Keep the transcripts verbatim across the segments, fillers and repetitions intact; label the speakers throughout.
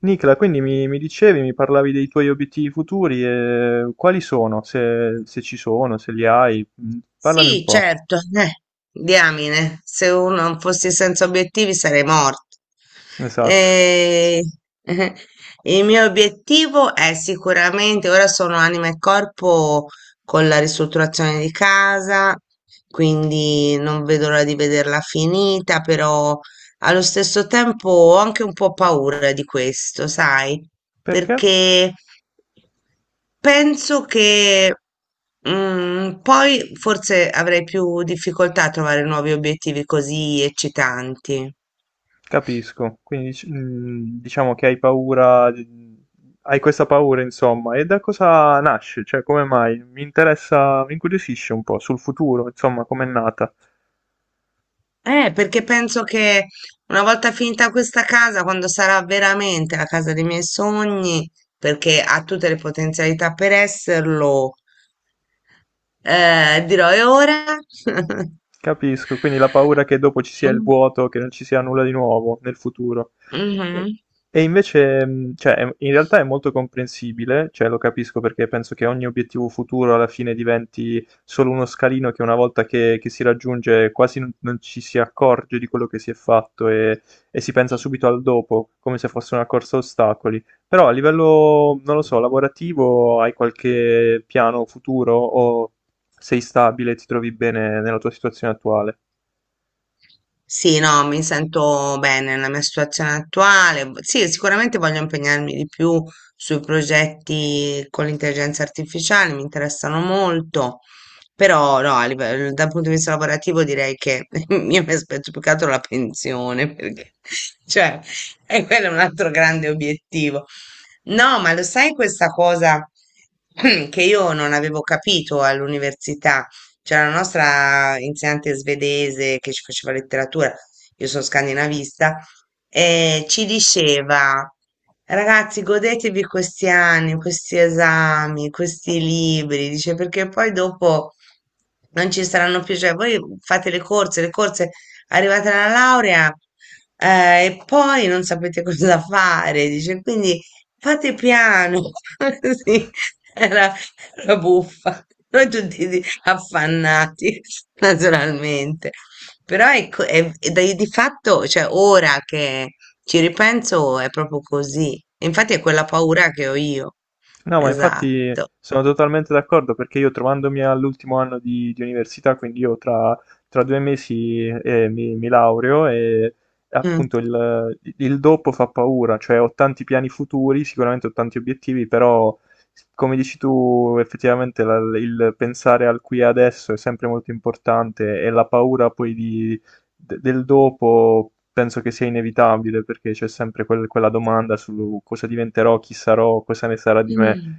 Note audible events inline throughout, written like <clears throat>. Speaker 1: Nicola, quindi mi, mi dicevi, mi parlavi dei tuoi obiettivi futuri e quali sono, se, se ci sono, se li hai, Mm, parlami un
Speaker 2: Sì,
Speaker 1: po'.
Speaker 2: certo, eh, diamine, se uno non fossi senza obiettivi sarei morto.
Speaker 1: Esatto.
Speaker 2: Eh, eh, il mio obiettivo è sicuramente, ora sono anima e corpo con la ristrutturazione di casa, quindi non vedo l'ora di vederla finita, però allo stesso tempo ho anche un po' paura di questo, sai?
Speaker 1: Perché?
Speaker 2: Perché penso che mm, poi forse avrei più difficoltà a trovare nuovi obiettivi così eccitanti.
Speaker 1: Capisco. Quindi dic- mm, diciamo che hai paura, di- hai questa paura, insomma, e da cosa nasce? Cioè, come mai? Mi interessa, mi incuriosisce un po' sul futuro, insomma, com'è nata.
Speaker 2: Eh, perché penso che una volta finita questa casa, quando sarà veramente la casa dei miei sogni, perché ha tutte le potenzialità per esserlo, Eh, dirò, e ora? <laughs>
Speaker 1: Capisco, quindi la paura che dopo ci sia il vuoto, che non ci sia nulla di nuovo nel futuro.
Speaker 2: Mm,
Speaker 1: E,
Speaker 2: mhm.
Speaker 1: e invece, mh, cioè, è- in realtà è molto comprensibile, cioè lo capisco perché penso che ogni obiettivo futuro alla fine diventi solo uno scalino che una volta che, che si raggiunge quasi non, non ci si accorge di quello che si è fatto e, e si pensa subito al dopo, come se fosse una corsa a ostacoli. Però a livello, non lo so, lavorativo, hai qualche piano futuro o sei stabile, ti trovi bene nella tua situazione attuale.
Speaker 2: Sì, no, mi sento bene nella mia situazione attuale. V- Sì, sicuramente voglio impegnarmi di più sui progetti con l'intelligenza artificiale, mi interessano molto, però no, a livello- dal punto di vista lavorativo direi che <laughs> io mi aspetto più che altro la pensione, perché <laughs> cioè, e quello è un altro grande obiettivo. No, ma lo sai questa cosa <clears throat> che io non avevo capito all'università? C'era la nostra insegnante svedese che ci faceva letteratura, io sono scandinavista, e ci diceva, ragazzi, godetevi questi anni, questi esami, questi libri, dice, perché poi dopo non ci saranno più, cioè voi fate le corse, le corse, arrivate alla laurea, eh, e poi non sapete <laughs> cosa fare, dice, quindi fate piano, <laughs> sì, era, era buffa. Noi tutti affannati <laughs> naturalmente. Però ecco, è, è da- di fatto, cioè ora che ci ripenso è proprio così. Infatti è quella paura che ho io.
Speaker 1: No, ma infatti
Speaker 2: Esatto.
Speaker 1: sono totalmente d'accordo perché io trovandomi all'ultimo anno di, di università, quindi io tra, tra due mesi eh, mi, mi laureo e
Speaker 2: Mm.
Speaker 1: appunto il, il dopo fa paura, cioè ho tanti piani futuri, sicuramente ho tanti obiettivi, però come dici tu, effettivamente la- il pensare al qui e adesso è sempre molto importante e la paura poi di de- del dopo penso che sia inevitabile perché c'è sempre quel- quella domanda su cosa diventerò, chi sarò, cosa ne sarà di me,
Speaker 2: Mm.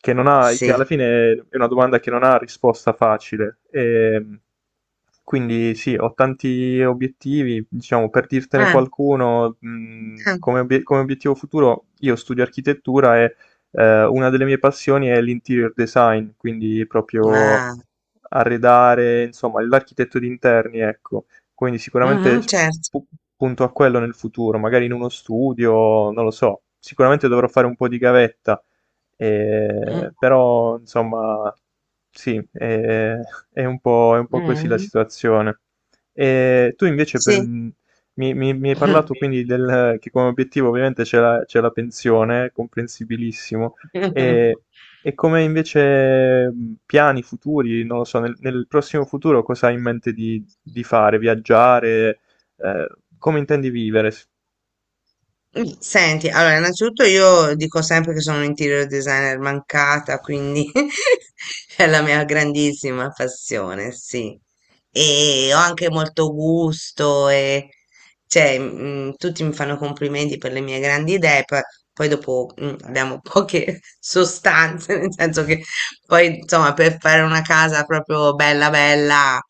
Speaker 1: che, non ha, che alla
Speaker 2: Sì.
Speaker 1: fine è una domanda che non ha risposta facile. E, quindi sì, ho tanti obiettivi, diciamo, per dirtene
Speaker 2: Ah,
Speaker 1: qualcuno, mh,
Speaker 2: ah.
Speaker 1: come, obie- come obiettivo futuro, io studio architettura e eh, una delle mie passioni è l'interior design, quindi proprio
Speaker 2: Ah.
Speaker 1: arredare, insomma, l'architetto di interni, ecco. Quindi sicuramente
Speaker 2: Mhm, certo.
Speaker 1: pu- punto a quello nel futuro, magari in uno studio, non lo so, sicuramente dovrò fare un po' di gavetta eh,
Speaker 2: Mm,
Speaker 1: però, insomma, sì, eh, è un po', è un po' così la
Speaker 2: mm,
Speaker 1: situazione. E tu invece per-
Speaker 2: sì.
Speaker 1: mi, mi- mi hai
Speaker 2: Mm.
Speaker 1: parlato quindi del, che come obiettivo ovviamente c'è la, c'è la pensione, comprensibilissimo,
Speaker 2: <laughs>
Speaker 1: e, e come invece mh, piani futuri, non lo so, nel, nel prossimo futuro cosa hai in mente di, di fare? Viaggiare? Eh, Come intendi vivere?
Speaker 2: Mm, senti, allora, innanzitutto io dico sempre che sono un interior designer mancata, quindi <laughs> è la mia grandissima passione, sì. E ho anche molto gusto e cioè, mm, tutti mi fanno complimenti per le mie grandi idee, poi, poi dopo mm, abbiamo poche <laughs> sostanze, nel senso che poi, insomma, per fare una casa proprio bella bella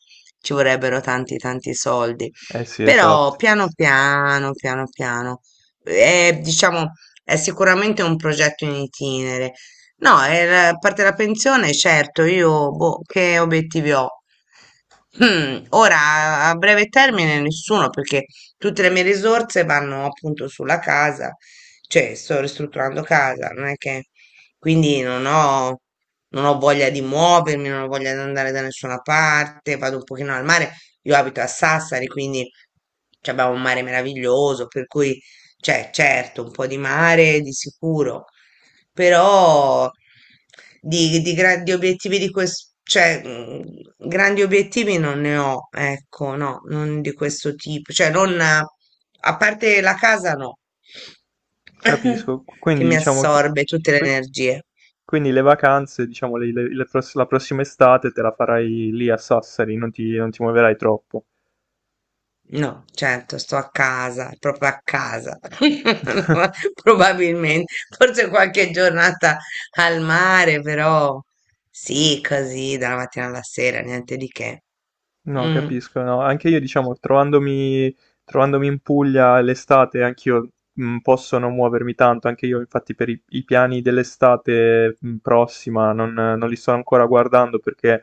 Speaker 2: ci vorrebbero tanti tanti soldi.
Speaker 1: Eh sì,
Speaker 2: Però
Speaker 1: esatto.
Speaker 2: piano piano, piano piano è, diciamo, è sicuramente un progetto in itinere. No, eh, la- a parte la pensione, certo, io boh, che obiettivi ho? Hmm, ora, a breve termine nessuno, perché tutte le mie risorse vanno appunto sulla casa, cioè sto ristrutturando casa, non è che quindi non ho, non ho voglia di muovermi, non ho voglia di andare da nessuna parte, vado un pochino al mare, io abito a Sassari, quindi cioè, abbiamo un mare meraviglioso, per cui cioè, certo, un po' di mare di sicuro, però di, di grandi obiettivi di questo, cioè, mm, grandi obiettivi non ne ho, ecco, no, non di
Speaker 1: C-
Speaker 2: questo tipo, cioè, non, a parte la casa, no,
Speaker 1: Capisco.
Speaker 2: <laughs> che
Speaker 1: Quindi
Speaker 2: mi
Speaker 1: diciamo che...
Speaker 2: assorbe tutte le
Speaker 1: qui-
Speaker 2: energie.
Speaker 1: Quindi le vacanze, diciamo, le- le- le pross- la prossima estate te la farai lì a Sassari, non ti, non ti muoverai troppo.
Speaker 2: No, certo, sto a casa, proprio a casa. <laughs> Probabilmente, forse qualche giornata al mare, però sì, così, dalla mattina alla sera, niente di che.
Speaker 1: No,
Speaker 2: Mm,
Speaker 1: capisco, no. Anche io, diciamo, trovandomi, trovandomi in Puglia l'estate, anch'io mh, posso non muovermi tanto. Anche io, infatti, per i, i piani dell'estate mh, prossima non, non li sto ancora guardando perché eh,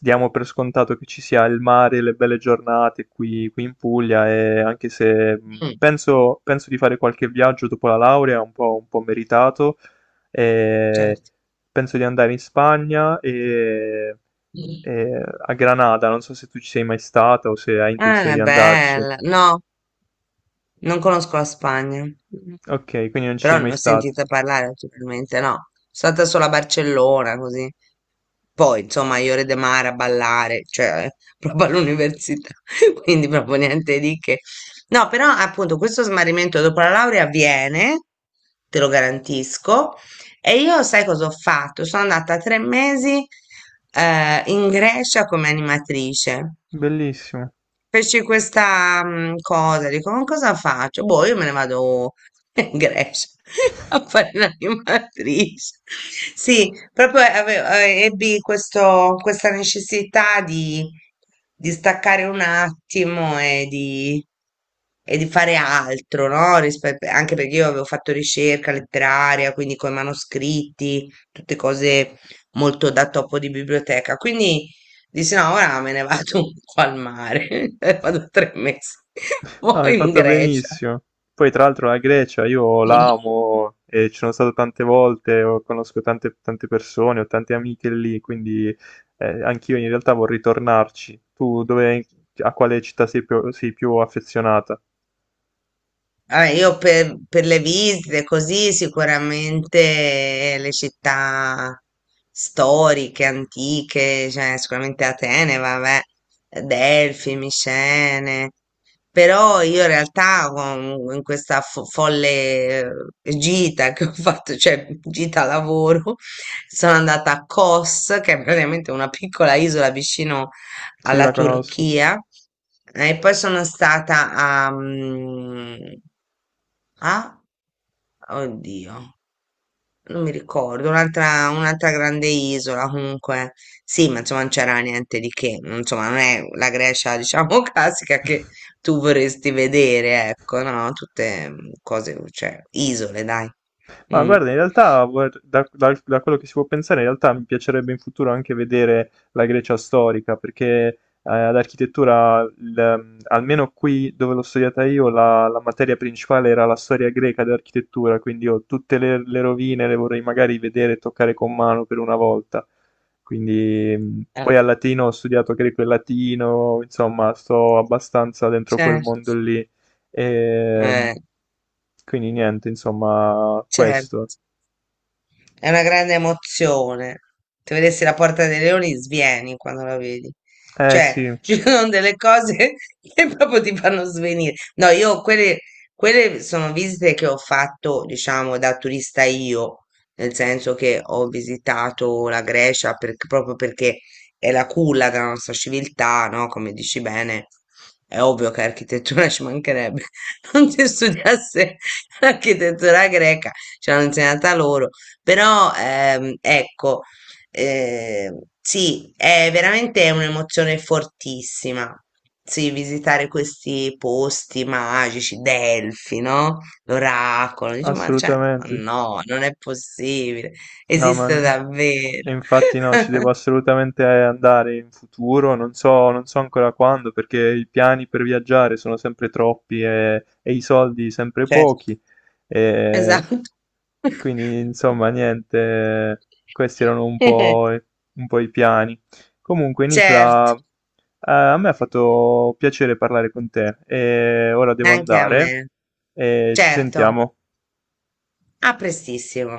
Speaker 1: diamo per scontato che ci sia il mare, le belle giornate qui, qui in Puglia. E anche se mh,
Speaker 2: mm,
Speaker 1: penso, penso di fare qualche viaggio dopo la laurea, un po', un po' meritato, e
Speaker 2: certo.
Speaker 1: penso di andare in Spagna e
Speaker 2: Mm.
Speaker 1: eh, a Granada, non so se tu ci sei mai stata o se hai
Speaker 2: Ah,
Speaker 1: intenzione
Speaker 2: è
Speaker 1: di andarci.
Speaker 2: bella. No, non conosco la Spagna.
Speaker 1: Ok, quindi non ci sei
Speaker 2: Però non
Speaker 1: mai
Speaker 2: ne ho
Speaker 1: stato.
Speaker 2: sentita parlare naturalmente, no. Sono stata solo a Barcellona, così. Poi, insomma, a Iore de Mar a ballare, cioè, <laughs> proprio all'università, <laughs> quindi proprio niente di che. No, però appunto questo smarrimento dopo la laurea avviene, te lo garantisco, e io sai cosa ho fatto? Sono andata tre mesi eh, in Grecia come animatrice.
Speaker 1: Bellissimo.
Speaker 2: Feci questa mm, cosa, dico, ma cosa faccio? Boh, io me ne vado in Grecia <laughs> a fare l'animatrice. Sì, proprio avevo, eh, ebbi questo, questa necessità di, di staccare un attimo e di, e di fare altro, no? Rispetto, anche perché io avevo fatto ricerca letteraria, quindi con i manoscritti, tutte cose molto da topo di biblioteca. Quindi dici no, ora me ne vado un po' al mare, <laughs> vado tre mesi, <laughs>
Speaker 1: No, hai
Speaker 2: poi in
Speaker 1: fatto
Speaker 2: Grecia.
Speaker 1: benissimo. Poi, tra l'altro, la Grecia io l'amo e ci sono stato tante volte, ho- conosco tante, tante persone, ho tante amiche lì, quindi eh, anch'io in realtà vorrei tornarci. Tu dove, a quale città sei più, sei più affezionata?
Speaker 2: Vabbè, io per, per le visite, così sicuramente le città storiche, antiche, cioè sicuramente Atene, vabbè, Delfi, Micene, però io in realtà con- in questa fo- folle eh, gita che ho fatto, cioè gita lavoro, sono andata a Kos, che è praticamente una piccola isola vicino
Speaker 1: Sì,
Speaker 2: alla
Speaker 1: la conosco.
Speaker 2: Turchia, e poi sono stata a... mm, ah, oddio, non mi ricordo, un'altra un'altra grande isola comunque. Sì, ma insomma non c'era niente di che, non- insomma non è la Grecia, diciamo, <laughs> classica che tu vorresti vedere, ecco, no? Tutte mm, cose, cioè, isole, dai.
Speaker 1: Ma
Speaker 2: Mm.
Speaker 1: guarda, in realtà, guard- da, da- da quello che si può pensare, in realtà mi piacerebbe in futuro anche vedere la Grecia storica, perché eh, ad architettura, il- ehm, almeno qui dove l'ho studiata io, la, la materia principale era la storia greca dell'architettura, quindi io tutte le, le rovine le vorrei magari vedere e toccare con mano per una volta. Quindi, mh,
Speaker 2: Eh,
Speaker 1: poi al latino ho studiato greco e latino, insomma, sto abbastanza dentro quel mondo
Speaker 2: certo,
Speaker 1: lì. E,
Speaker 2: eh,
Speaker 1: quindi niente, insomma, questo.
Speaker 2: certo. È una grande emozione. Se vedessi la Porta dei Leoni, svieni quando la vedi.
Speaker 1: Eh sì,
Speaker 2: Cioè, <laughs> ci sono delle cose <laughs> che proprio ti fanno svenire. No, io quelle, quelle sono visite che ho fatto, diciamo, da turista io, nel senso che ho visitato la Grecia perché- proprio perché è la culla della nostra civiltà, no? Come dici bene, è ovvio che architettura ci mancherebbe. <laughs> Non si studiasse l'architettura greca, ce l'hanno insegnata loro però ehm, ecco, eh, sì, è veramente un'emozione fortissima. Sì, visitare questi posti magici, Delfi, no? L'oracolo, dici, ma cioè, ma
Speaker 1: assolutamente.
Speaker 2: no, non è possibile,
Speaker 1: No, ma
Speaker 2: esiste davvero.
Speaker 1: infatti no, ci
Speaker 2: <laughs>
Speaker 1: devo assolutamente andare in futuro, non so, non so, ancora quando, perché i piani per viaggiare sono sempre troppi e, e i soldi sempre
Speaker 2: Certo.
Speaker 1: pochi. E,
Speaker 2: Esatto. <laughs>
Speaker 1: quindi, insomma, niente, questi erano un po', i- un po' i piani. Comunque,
Speaker 2: Certo,
Speaker 1: Nicla, eh, a me ha fatto piacere parlare con te e ora devo
Speaker 2: anche a
Speaker 1: andare
Speaker 2: me.
Speaker 1: e ci
Speaker 2: Certo,
Speaker 1: sentiamo.
Speaker 2: a prestissimo.